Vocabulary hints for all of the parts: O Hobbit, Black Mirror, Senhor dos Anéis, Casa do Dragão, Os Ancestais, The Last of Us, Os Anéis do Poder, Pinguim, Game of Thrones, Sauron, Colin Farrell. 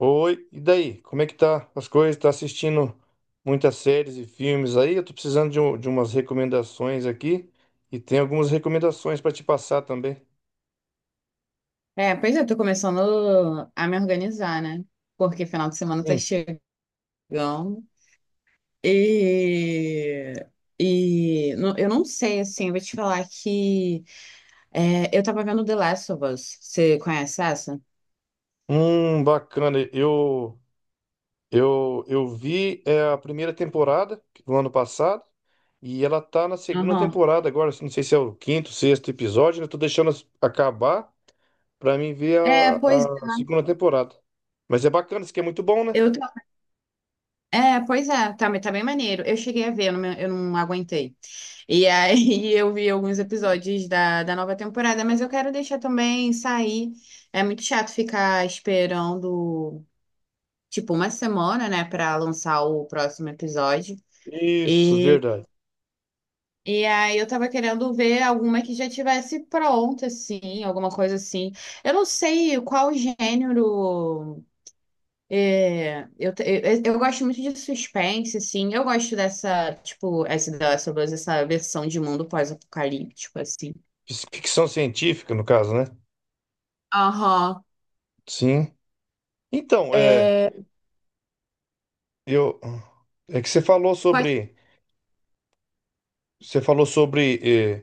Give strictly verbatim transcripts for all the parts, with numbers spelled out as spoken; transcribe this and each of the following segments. Oi, e daí? Como é que tá as coisas? Tá assistindo muitas séries e filmes aí? Eu tô precisando de, um- de umas recomendações aqui e tem algumas recomendações pra te passar também. É, pois eu tô começando a me organizar, né? Porque final de semana tá Hum, chegando e... E não- eu não sei, assim, eu vou te falar que é, eu tava vendo The Last of Us. Você conhece essa? hum, bacana. Eu eu eu vi é, a primeira temporada do ano passado e ela tá na segunda Aham. temporada agora. Não sei se é o quinto, sexto episódio. Eu tô deixando as- acabar pra mim ver É, pois a, a segunda temporada. Mas é bacana, isso aqui é muito bom, né? eu tô- é, pois é, tá, tá bem maneiro. Eu cheguei a ver, eu não, me- eu não aguentei. E aí eu vi alguns episódios da, da nova temporada, mas eu quero deixar também sair. É muito chato ficar esperando. Tipo uma semana, né, para lançar o próximo episódio. Isso, E, verdade. e aí eu tava querendo ver alguma que já tivesse pronta, assim, alguma coisa assim. Eu não sei qual gênero. é, eu, te- eu, eu gosto muito de suspense, assim. Eu gosto dessa, tipo, essa, da sobre essa versão de mundo pós-apocalíptico, assim. Fiz ficção científica, no caso, né? Aham. Sim. Então, é, É, eu, é que você falou pode. sobre, você falou sobre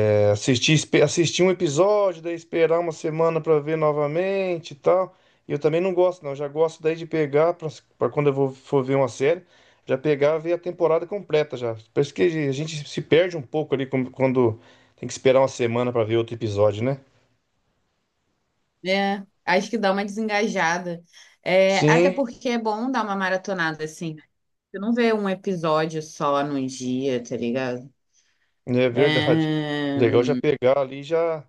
é, é, assistir, espe- assistir um episódio, daí esperar uma semana pra ver novamente e tal. E eu também não gosto, não. Eu já gosto daí de pegar pra pra quando eu vou, for ver uma série, já pegar e ver a temporada completa já. Parece que a gente se perde um pouco ali com- quando tem que esperar uma semana pra ver outro episódio, né? É, acho que dá uma desengajada. É, até Sim. porque é bom dar uma maratonada, assim. Você não vê um episódio só num dia, tá ligado? É verdade. É... Legal já pegar ali e já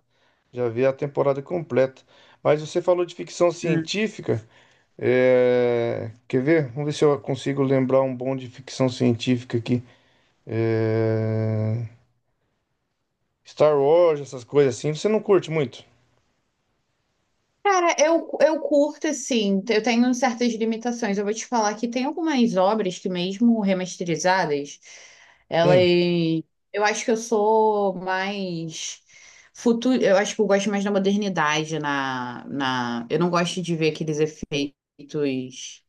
já ver a temporada completa. Mas você falou de ficção Hum. científica. é, Quer ver? Vamos ver se eu consigo lembrar um bom de ficção científica aqui. É, Star Wars, essas coisas assim. Você não curte muito? Cara, eu, eu curto, assim, eu tenho certas limitações. Eu vou te falar que tem algumas obras que, mesmo remasterizadas, elas. Sim. Eu acho que eu sou mais. Futuro, eu acho que eu gosto mais da modernidade na, na... Eu não gosto de ver aqueles efeitos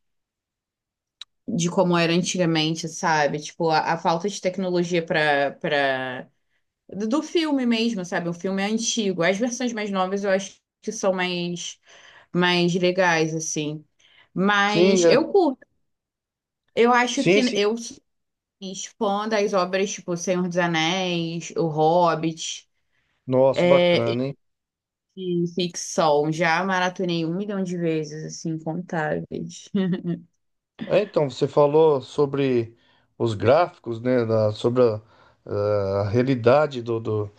de como era antigamente, sabe? Tipo, a, a falta de tecnologia para para do do filme mesmo, sabe? O filme é antigo. As versões mais novas eu acho que são mais, mais legais, assim. Sim, Mas é, eu curto. Eu acho que sim, sim. eu sou mais fã das obras tipo Senhor dos Anéis, O Hobbit, Nossa, bacana, é, hein? e ficção. Já maratonei um milhão de vezes, assim, incontáveis. Ah, então, você falou sobre os gráficos, né? da- Sobre a, a realidade do, do-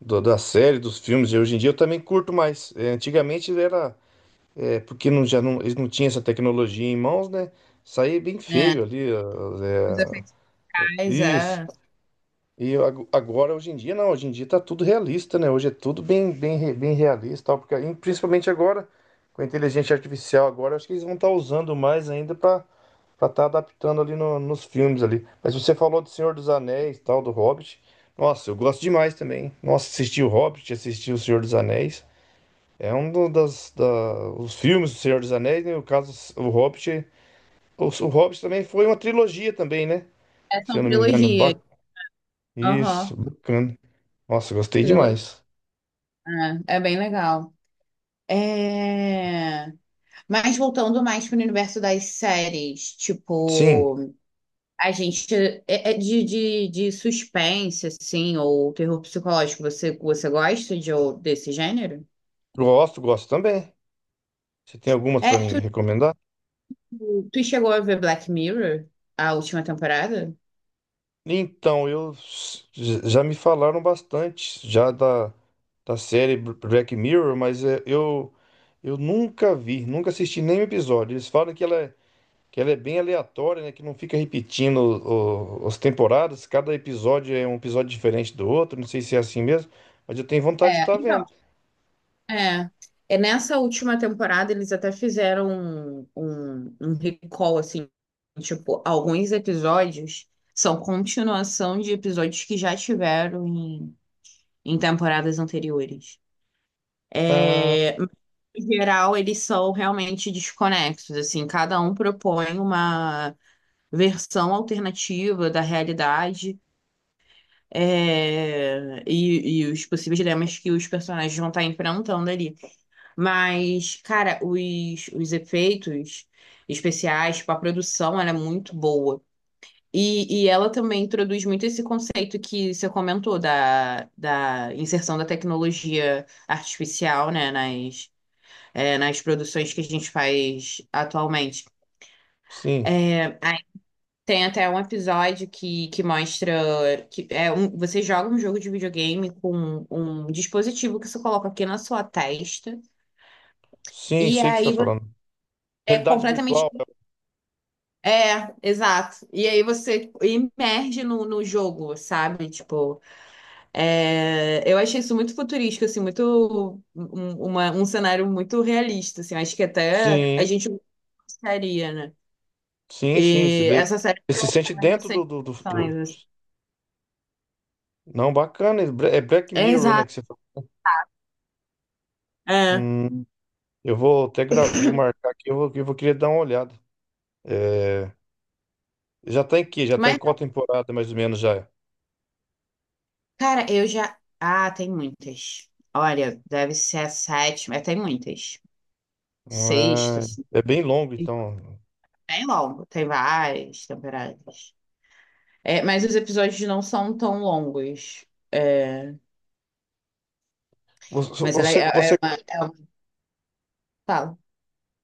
do- da série, dos filmes, e hoje em dia eu também curto mais. É, antigamente era, é, porque não, já não, eles não tinham essa tecnologia em mãos, né? Saía bem É. feio ali. Ó, Os é, Ancestais, isso. é. E eu ago- agora, hoje em dia, não, hoje em dia tá tudo realista, né? Hoje é tudo bem, bem, re- bem realista, tal, porque e principalmente agora, com a inteligência artificial agora, acho que eles vão estar usando mais ainda para para estar adaptando ali no- nos filmes ali. Mas você falou do Senhor dos Anéis, tal, do Hobbit. Nossa, eu gosto demais também. Nossa, assisti o Hobbit, assisti o Senhor dos Anéis. É um do- das da, os filmes do Senhor dos Anéis, né? No caso, o Hobbit, o, o Hobbit também foi uma trilogia também, né? É, Se são eu não me engano, trilogias. Ba- isso, Aham, bacana. Nossa, gostei trilogia. demais. É, é bem legal. É... Mas voltando mais para o universo das séries, Sim, tipo, a gente é é de, de, de suspense, assim, ou terror psicológico, você, você gosta de, ou- desse gênero? gosto, gosto também. Você tem algumas É, para me tu, recomendar? tu chegou a ver Black Mirror, a última temporada? Então, eu j- já me falaram bastante já da, da série Br- Black Mirror, mas é, eu eu nunca vi, nunca assisti nenhum episódio. Eles falam que ela é, que ela é bem aleatória, né? Que não fica repetindo o- o- as temporadas. Cada episódio é um episódio diferente do outro. Não sei se é assim mesmo, mas eu tenho vontade de É, estar vendo. então, é. É nessa última temporada eles até fizeram um, um, um recall, assim, tipo, alguns episódios são continuação de episódios que já tiveram em em temporadas anteriores. Ah, É, em geral, eles são realmente desconexos, assim, cada um propõe uma versão alternativa da realidade, é, e, e os possíveis dilemas que os personagens vão estar enfrentando ali. Mas, cara, os, os efeitos especiais, tipo, a produção, ela é muito boa. E, e ela também introduz muito esse conceito que você comentou da, da inserção da tecnologia artificial, né, nas, é, nas produções que a gente faz atualmente. sim, Aí tem até um episódio que, que mostra que é um, você joga um jogo de videogame com um dispositivo que você coloca aqui na sua testa, sim, e sei o que você está aí você falando. é Realidade completamente. virtual. É, exato. E aí você emerge no, no jogo, sabe? Tipo. É, eu achei isso muito futurístico, assim, muito um, uma- um cenário muito realista, assim, acho que até a Sim. gente gostaria, né? Sim, sim. Você, E daí- essa série Você se sente propõe dentro essas do, do, do, questões, do- assim. Não, bacana. É Bla- é Black É, Mirror, né? exato. Que você falou. É. Hum, eu vou até gra... vou marcar aqui, eu vou, eu vou querer dar uma olhada. É, já tá em que? Já tá em Mas, qual temporada, mais ou menos, já? cara, eu já. Ah, tem muitas. Olha, deve ser a sétima, é, tem muitas. Sexta, Ah, assim. é bem longo, Bem então. longo, tem várias temporadas. É, mas os episódios não são tão longos. É, Você, mas ela é, você, é você, uma, é uma- fala.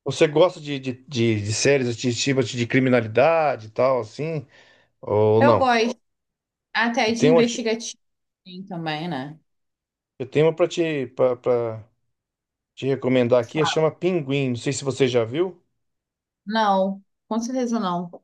você gosta de, de, de, de séries de, tipo de criminalidade e tal, assim? Ou Eu não? gosto. Até Eu de tenho uma, aqui- investigativo tem também, né? eu tenho uma pra te, pra, pra te recomendar aqui, chama Pinguim. Não sei se você já viu. Não, com certeza não.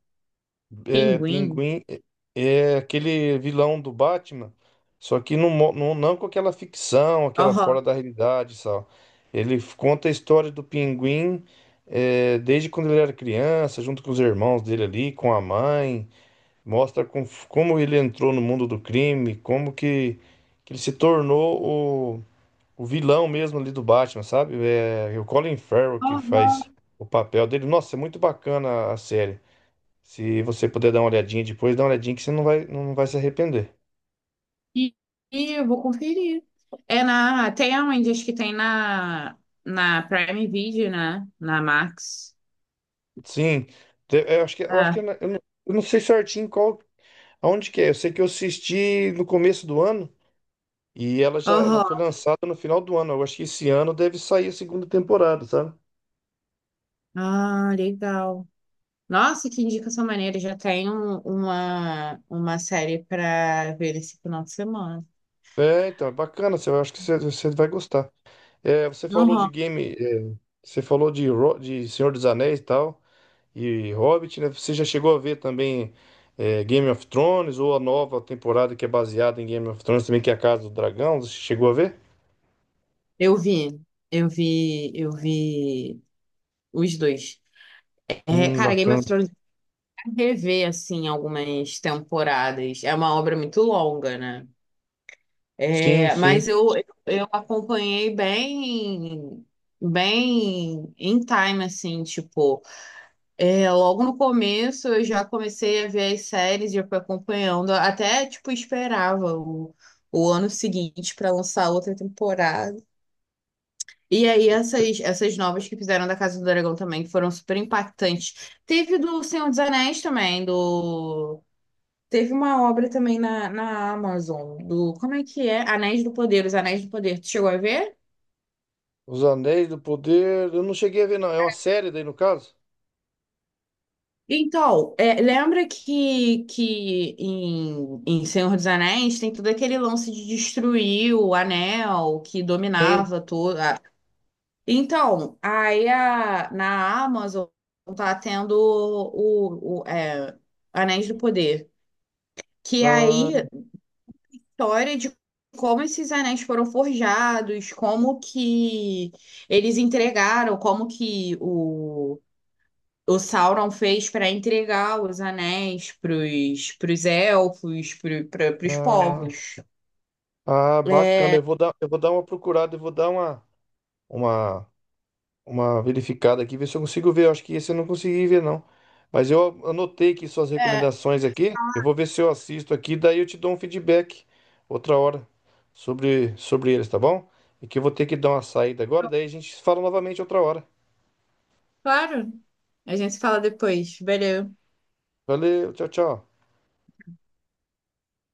É, Pinguim? Pinguim é é aquele vilão do Batman, só que não, mo- não, não com aquela ficção, aquela Aham. fora da realidade, só. Ele f- conta a história do Pinguim é, desde quando ele era criança, junto com os irmãos dele ali, com a mãe. Mostra com- como ele entrou no mundo do crime, como que, que ele se tornou o, o vilão mesmo ali do Batman, sabe? É, é o Colin Farrell que Aham. faz o papel dele. Nossa, é muito bacana a série. Se você puder dar uma olhadinha depois, dá uma olhadinha que você não vai, não vai se arrepender. E, e eu vou conferir. É na. Tem aonde? Acho que tem na, na Prime Video, né? Na Max. Sim, te- eu acho que, eu acho que É. eu não, eu não sei certinho qual, aonde que é. Eu sei que eu assisti no começo do ano e ela já, ela Aham. foi lançada no final do ano. Eu acho que esse ano deve sair a segunda temporada, sabe? Ah, legal. Nossa, que indicação maneira. Já tem um- uma, uma série para ver esse final de semana. É, então, é bacana. Você, eu acho que você, você vai gostar. É, você falou de Aham. game, é, você falou de, Ro- de Senhor dos Anéis e tal. E Hobbit, né? Você já chegou a ver também eh, Game of Thrones ou a nova temporada que é baseada em Game of Thrones também, que é a Casa do Dragão? Você chegou a ver? Eu vi. Eu vi. Eu vi os dois. É, Hum, cara, Game bacana. of Thrones. Rever assim algumas temporadas. É uma obra muito longa, né? Sim, É, sim. mas eu, eu acompanhei bem bem em time assim, tipo, é, logo no começo eu já comecei a ver as séries e eu fui acompanhando, até tipo esperava o, o ano seguinte para lançar outra temporada. E aí essas essas novas que fizeram da Casa do Dragão também que foram super impactantes. Teve do Senhor dos Anéis também, do Teve uma obra também na, na Amazon, do. Como é que é? Anéis do Poder, Os Anéis do Poder. Tu chegou a ver? Os Anéis do Poder, eu não cheguei a ver, não. É uma série daí, no caso? Então, é, lembra que, que em, em Senhor dos Anéis tem todo aquele lance de destruir o anel que Sim. dominava toda. Então, aí a- na Amazon tá tendo o, o é, Anéis do Poder. Que Ah, aí história de como esses anéis foram forjados, como que eles entregaram, como que o, o Sauron fez para entregar os anéis para os elfos, para os ah, povos. ah, bacana. Eu vou dar, eu vou dar uma procurada, eu vou dar uma, uma, uma verificada aqui, ver se eu consigo ver. Eu acho que esse eu não consegui ver, não. Mas eu anotei aqui suas É, recomendações aqui. Eu vou ver se eu assisto aqui, daí eu te dou um feedback outra hora sobre, sobre eles, tá bom? E que eu vou ter que dar uma saída agora, daí a gente fala novamente outra hora. claro. A gente se fala depois. Valeu. Valeu, tchau, tchau.